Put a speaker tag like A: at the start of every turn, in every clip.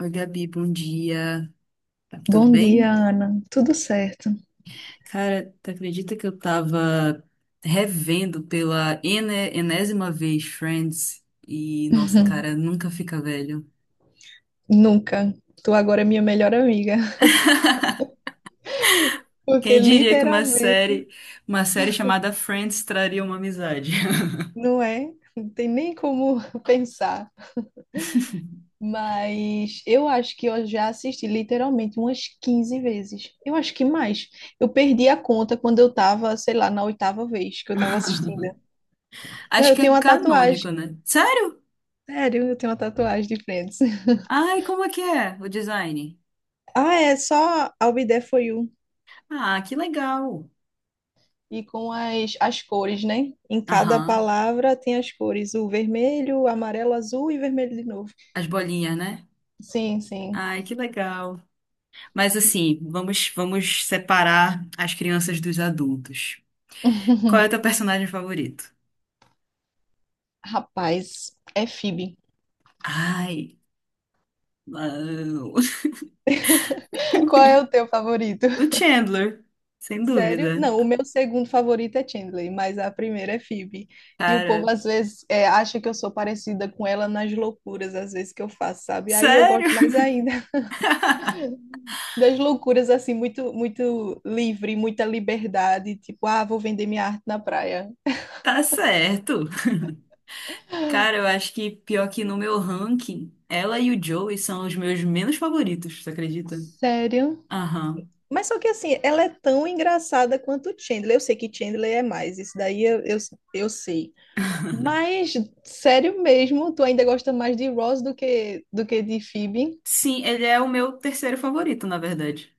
A: Oi, Gabi, bom dia. Tá tudo
B: Bom dia,
A: bem?
B: Ana. Tudo certo?
A: Cara, tu acredita que eu tava revendo pela enésima vez Friends e, nossa, cara, nunca fica velho.
B: Nunca. Tu agora é minha melhor amiga. Porque
A: Quem diria que uma
B: literalmente
A: série, uma série chamada Friends traria uma amizade?
B: não é, não tem nem como pensar. Mas eu acho que eu já assisti literalmente umas quinze vezes. Eu acho que mais. Eu perdi a conta quando eu tava, sei lá, na oitava vez que eu tava assistindo. Não,
A: Acho
B: eu
A: que
B: tenho
A: é
B: uma tatuagem.
A: canônico, né? Sério?
B: Sério, eu tenho uma tatuagem de Friends.
A: Ai, como é que é o design?
B: Ah, é só I'll Be There For You.
A: Ah, que legal.
B: E com as cores, né? Em cada
A: Aham.
B: palavra tem as cores, o vermelho, amarelo, azul e vermelho de novo.
A: As bolinhas, né?
B: Sim, sim.
A: Ai, que legal. Mas assim, vamos separar as crianças dos adultos. Qual é o teu personagem favorito?
B: Rapaz, é Phoebe.
A: Ai, não.
B: Qual é o teu favorito?
A: O Chandler, sem
B: Sério?
A: dúvida.
B: Não, o meu segundo favorito é Chandler, mas a primeira é Phoebe. E o
A: Cara,
B: povo às vezes é, acha que eu sou parecida com ela nas loucuras, às vezes que eu faço, sabe? Aí eu
A: sério?
B: gosto mais ainda das loucuras assim, muito muito livre, muita liberdade, tipo, ah, vou vender minha arte na praia.
A: Tá certo. Cara, eu acho que pior que no meu ranking, ela e o Joey são os meus menos favoritos, você acredita?
B: Sério?
A: Aham.
B: Mas só que assim, ela é tão engraçada quanto Chandler. Eu sei que Chandler é mais, isso daí eu eu sei. Mas, sério mesmo, tu ainda gosta mais de Ross do que de Phoebe?
A: Sim, ele é o meu terceiro favorito, na verdade.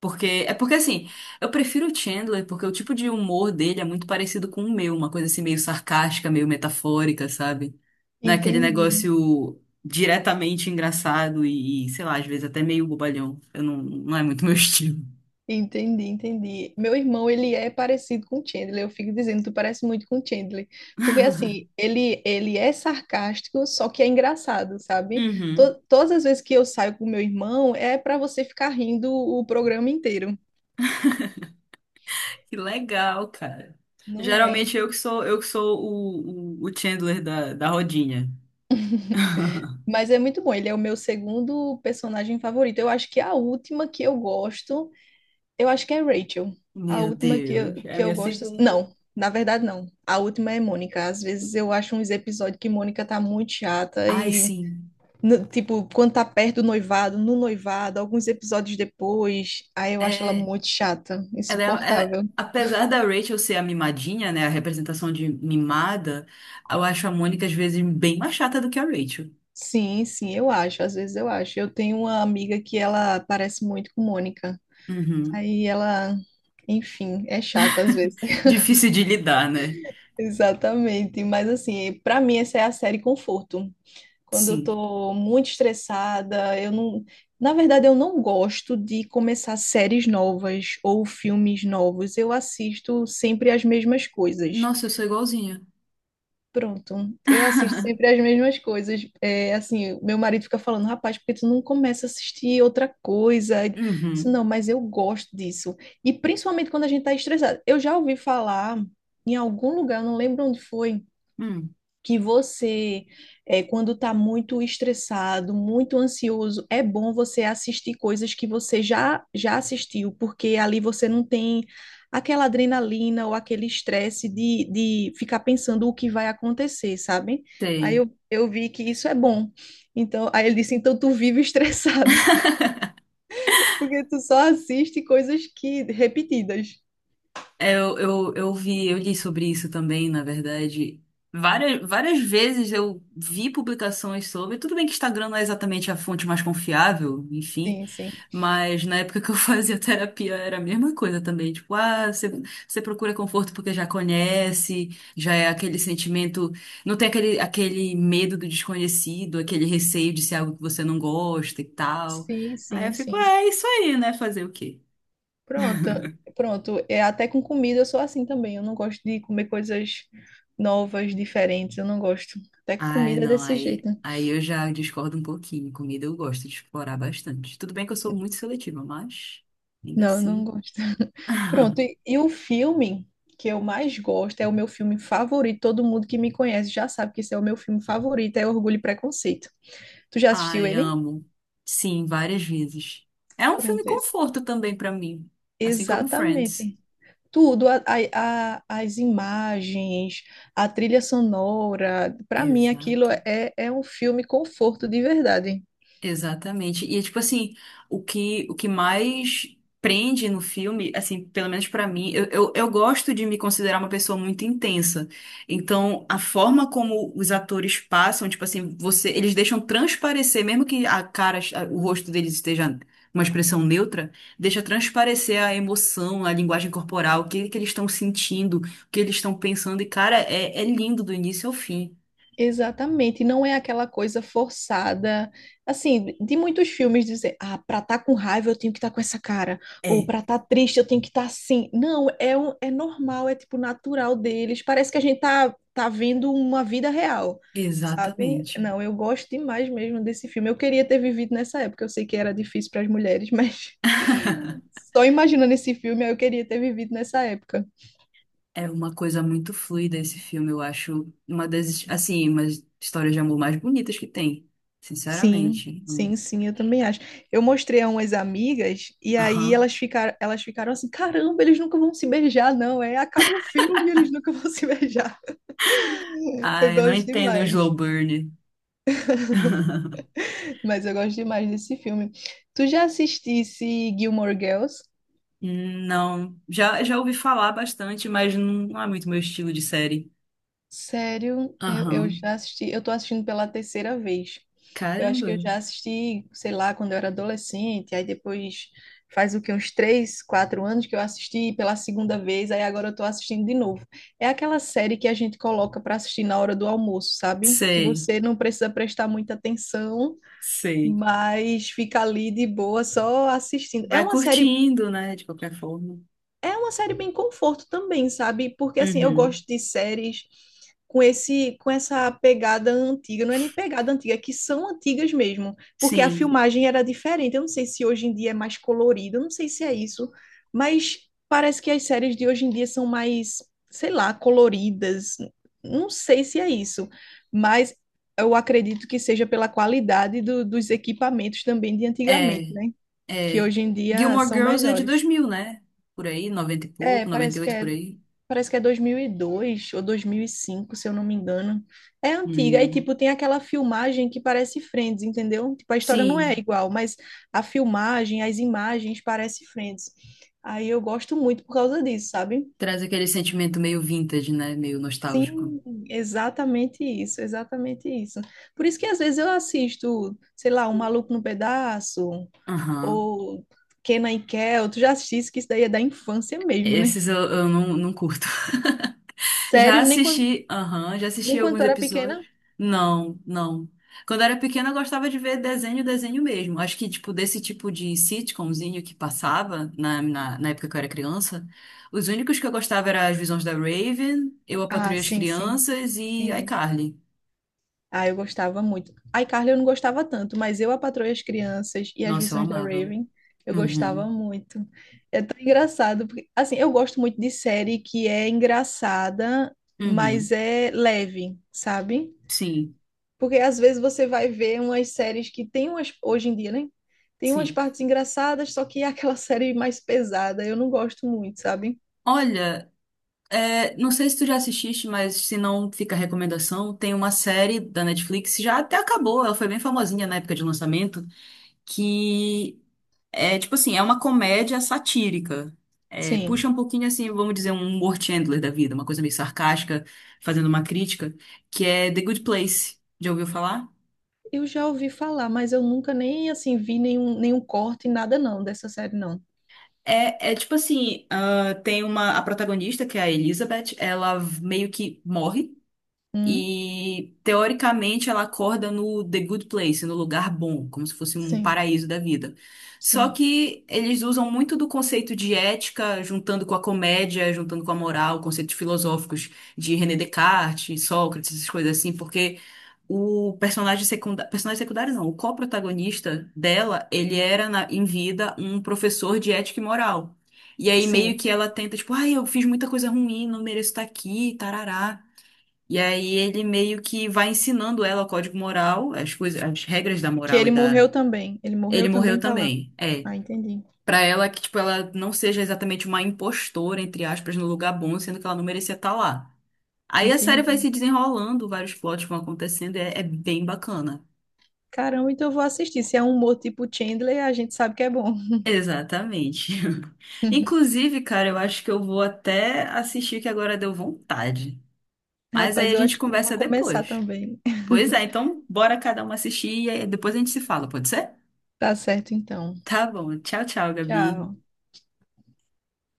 A: Porque, é porque assim, eu prefiro o Chandler porque o tipo de humor dele é muito parecido com o meu, uma coisa assim meio sarcástica, meio metafórica, sabe? Não é aquele
B: Entendi.
A: negócio diretamente engraçado sei lá, às vezes até meio bobalhão. Eu não, não é muito meu estilo.
B: Entendi, entendi. Meu irmão, ele é parecido com o Chandler. Eu fico dizendo, tu parece muito com o Chandler. Porque, assim, ele é sarcástico, só que é engraçado, sabe?
A: Uhum.
B: Todas as vezes que eu saio com meu irmão, é para você ficar rindo o programa inteiro.
A: Que legal, cara.
B: Não é?
A: Geralmente eu que sou, eu que sou o Chandler da rodinha.
B: Mas é muito bom. Ele é o meu segundo personagem favorito. Eu acho que é a última que eu gosto. Eu acho que é Rachel. A
A: Meu
B: última que eu,
A: Deus, é a
B: que eu
A: minha
B: gosto. Assim,
A: segunda.
B: não, na verdade, não. A última é Mônica. Às vezes eu acho uns episódios que Mônica tá muito chata
A: Ai,
B: e,
A: sim.
B: tipo, quando tá perto do noivado, no noivado, alguns episódios depois, aí eu acho ela
A: É.
B: muito chata,
A: Ela é- né,
B: insuportável.
A: apesar da Rachel ser a mimadinha, né, a representação de mimada, eu acho a Mônica às vezes bem mais chata do que a Rachel.
B: Sim, sim, eu acho. Às vezes eu acho. Eu tenho uma amiga que ela parece muito com Mônica.
A: Uhum.
B: Aí ela, enfim, é chata às vezes.
A: Difícil de lidar, né?
B: Exatamente. Mas, assim, pra mim, essa é a série conforto. Quando eu
A: Sim.
B: tô muito estressada, eu não. Na verdade, eu não gosto de começar séries novas ou filmes novos. Eu assisto sempre as mesmas coisas.
A: Nossa, eu sou igualzinha.
B: Pronto, eu assisto sempre as mesmas coisas. É, assim, meu marido fica falando, rapaz, porque tu não começa a assistir outra coisa? Eu disse,
A: Uhum.
B: não, mas eu gosto disso. E principalmente quando a gente tá estressado. Eu já ouvi falar em algum lugar, eu não lembro onde foi
A: Hum,
B: que você, é, quando está muito estressado, muito ansioso, é bom você assistir coisas que você já assistiu, porque ali você não tem aquela adrenalina ou aquele estresse de ficar pensando o que vai acontecer, sabe? Aí
A: sei.
B: eu vi que isso é bom. Então, aí ele disse, então tu vive estressada, porque tu só assiste coisas que repetidas.
A: É. Eu li sobre isso também, na verdade. Várias, várias vezes eu vi publicações sobre. Tudo bem que Instagram não é exatamente a fonte mais confiável, enfim.
B: Sim, sim.
A: Mas na época que eu fazia terapia era a mesma coisa também. Tipo, ah, você, você procura conforto porque já conhece, já é aquele sentimento. Não tem aquele medo do desconhecido, aquele receio de ser algo que você não gosta e tal.
B: Sim,
A: Aí eu
B: sim,
A: fico,
B: sim.
A: é isso aí, né? Fazer o quê?
B: Pronto, pronto. É, até com comida eu sou assim também. Eu não gosto de comer coisas novas, diferentes. Eu não gosto. Até com
A: Ai,
B: comida é
A: não,
B: desse
A: aí,
B: jeito.
A: aí eu já discordo um pouquinho. Comida eu gosto de explorar bastante. Tudo bem que eu sou muito seletiva, mas ainda
B: Não, eu não
A: assim.
B: gosto. Pronto. E o filme que eu mais gosto é o meu filme favorito. Todo mundo que me conhece já sabe que esse é o meu filme favorito, é Orgulho e Preconceito. Tu já assistiu
A: Ai,
B: ele?
A: amo. Sim, várias vezes. É um filme
B: Pronto, esse.
A: conforto também pra mim, assim como Friends.
B: Exatamente. Tudo, as imagens, a trilha sonora, para mim aquilo
A: Exato.
B: é é um filme conforto de verdade.
A: Exatamente. E é, tipo assim, o que mais prende no filme, assim, pelo menos pra mim, eu gosto de me considerar uma pessoa muito intensa. Então, a forma como os atores passam, tipo assim, você, eles deixam transparecer, mesmo que a cara, o rosto deles esteja uma expressão neutra, deixa transparecer a emoção, a linguagem corporal, o que que eles estão sentindo, o que eles estão pensando. E cara, é, é lindo do início ao fim.
B: Exatamente, não é aquela coisa forçada, assim, de muitos filmes dizer, ah, pra estar com raiva eu tenho que estar com essa cara, ou
A: É,
B: pra estar triste eu tenho que estar assim. Não, é, um, é normal, é tipo natural deles, parece que a gente tá vendo uma vida real, sabe?
A: exatamente.
B: Não, eu gosto demais mesmo desse filme, eu queria ter vivido nessa época, eu sei que era difícil para as mulheres, mas... Só imaginando esse filme, eu queria ter vivido nessa época.
A: É uma coisa muito fluida esse filme, eu acho uma das, assim, umas histórias de amor mais bonitas que tem,
B: Sim,
A: sinceramente. Hum.
B: sim, sim, eu também acho. Eu mostrei a umas amigas e aí
A: Aham.
B: elas ficaram assim, caramba, eles nunca vão se beijar, não, é, acaba o filme e eles nunca vão se beijar.
A: Ah,
B: Eu
A: eu não
B: gosto
A: entendo o
B: demais,
A: slow burn.
B: mas eu gosto demais desse filme. Tu já assistisse Gilmore Girls?
A: Não, já ouvi falar bastante, mas não, não é muito meu estilo de série.
B: Sério, eu
A: Aham.
B: já assisti, eu tô assistindo pela terceira vez. Eu acho que
A: Caramba.
B: eu já assisti, sei lá, quando eu era adolescente, aí depois faz o que, uns três, quatro anos que eu assisti pela segunda vez, aí agora eu tô assistindo de novo. É aquela série que a gente coloca para assistir na hora do almoço, sabe? Que
A: Sei,
B: você não precisa prestar muita atenção,
A: sei.
B: mas fica ali de boa só assistindo.
A: Vai curtindo, né, de qualquer forma.
B: É uma série bem conforto também, sabe? Porque assim, eu
A: Uhum.
B: gosto de séries com essa pegada antiga, não é nem pegada antiga, é que são antigas mesmo, porque a
A: Sim.
B: filmagem era diferente. Eu não sei se hoje em dia é mais colorido, eu não sei se é isso, mas parece que as séries de hoje em dia são mais, sei lá, coloridas. Não sei se é isso, mas eu acredito que seja pela qualidade dos equipamentos também de antigamente,
A: É,
B: né? Que
A: é.
B: hoje em dia
A: Gilmore
B: são
A: Girls é de
B: melhores.
A: 2000, né? Por aí, 90 e
B: É,
A: pouco, noventa e
B: parece que
A: oito por
B: é
A: aí.
B: Parece que é 2002 ou 2005, se eu não me engano. É antiga. E,
A: Hum.
B: tipo, tem aquela filmagem que parece Friends, entendeu? Tipo, a história não é
A: Sim,
B: igual, mas a filmagem, as imagens parece Friends. Aí eu gosto muito por causa disso, sabe?
A: traz aquele sentimento meio vintage, né? Meio nostálgico.
B: Sim, exatamente isso, exatamente isso. Por isso que às vezes eu assisto, sei lá, O Maluco no Pedaço
A: Aham.
B: ou Kenan e Kel. Tu já assististe que isso daí é da infância mesmo, né?
A: Esses eu não curto. Já
B: Sério,
A: assisti, aham, já assisti
B: nem quando
A: alguns
B: tu era
A: episódios.
B: pequena,
A: Não, não. Quando eu era pequena, eu gostava de ver desenho, desenho mesmo. Acho que, tipo, desse tipo de sitcomzinho que passava na época que eu era criança, os únicos que eu gostava eram As Visões da Raven, Eu, a
B: ah,
A: Patroa e as
B: sim, sim.
A: Crianças e
B: Sim.
A: iCarly.
B: Ah, eu gostava muito. A iCarly eu não gostava tanto, mas eu, a Patroa e as Crianças e as
A: Nossa, eu
B: Visões da
A: amava.
B: Raven, eu gostava
A: Uhum,
B: muito. É tão engraçado, porque, assim, eu gosto muito de série que é engraçada, mas
A: uhum.
B: é leve, sabe?
A: Sim,
B: Porque às vezes você vai ver umas séries que tem umas, hoje em dia, né? Tem umas
A: sim.
B: partes engraçadas, só que é aquela série mais pesada. Eu não gosto muito, sabe?
A: Olha, é, não sei se tu já assististe, mas se não fica a recomendação, tem uma série da Netflix, já até acabou, ela foi bem famosinha na época de lançamento, que é tipo assim, é uma comédia satírica. É,
B: Sim.
A: puxa um pouquinho assim, vamos dizer, um humor Chandler da vida, uma coisa meio sarcástica, fazendo uma crítica, que é The Good Place. Já ouviu falar?
B: Eu já ouvi falar, mas eu nunca nem assim vi nenhum, nenhum corte, nada não, dessa série não.
A: É, é tipo assim, ah, tem uma, a protagonista, que é a Elizabeth, ela meio que morre.
B: Hum?
A: E teoricamente ela acorda no The Good Place, no lugar bom, como se fosse um
B: Sim,
A: paraíso da vida. Só
B: sim,
A: que eles usam muito do conceito de ética, juntando com a comédia, juntando com a moral, conceitos filosóficos de René Descartes, Sócrates, essas coisas assim, porque o personagem secundário não, o co-protagonista dela, ele era em vida um professor de ética e moral. E aí meio
B: sim.
A: que ela tenta, tipo, ai, eu fiz muita coisa ruim, não mereço estar aqui, tarará. E aí ele meio que vai ensinando ela o código moral, as coisas, as regras da
B: Que
A: moral e
B: ele
A: da.
B: morreu também. Ele
A: Ele
B: morreu
A: morreu
B: também, tá lá.
A: também. É.
B: Ah, entendi.
A: Pra ela que, tipo, ela não seja exatamente uma impostora, entre aspas, no lugar bom, sendo que ela não merecia estar lá. Aí a série vai
B: Entendi.
A: se desenrolando, vários plots vão acontecendo, e é, é bem bacana.
B: Caramba, então eu vou assistir. Se é um humor tipo Chandler, a gente sabe que é bom.
A: Exatamente. Inclusive, cara, eu acho que eu vou até assistir que agora deu vontade. Mas aí
B: Rapaz,
A: a
B: eu
A: gente
B: acho que eu vou
A: conversa
B: começar
A: depois.
B: também.
A: Pois é, então bora cada um assistir e aí depois a gente se fala, pode ser?
B: Tá certo, então.
A: Tá bom. Tchau, tchau, Gabi.
B: Tchau.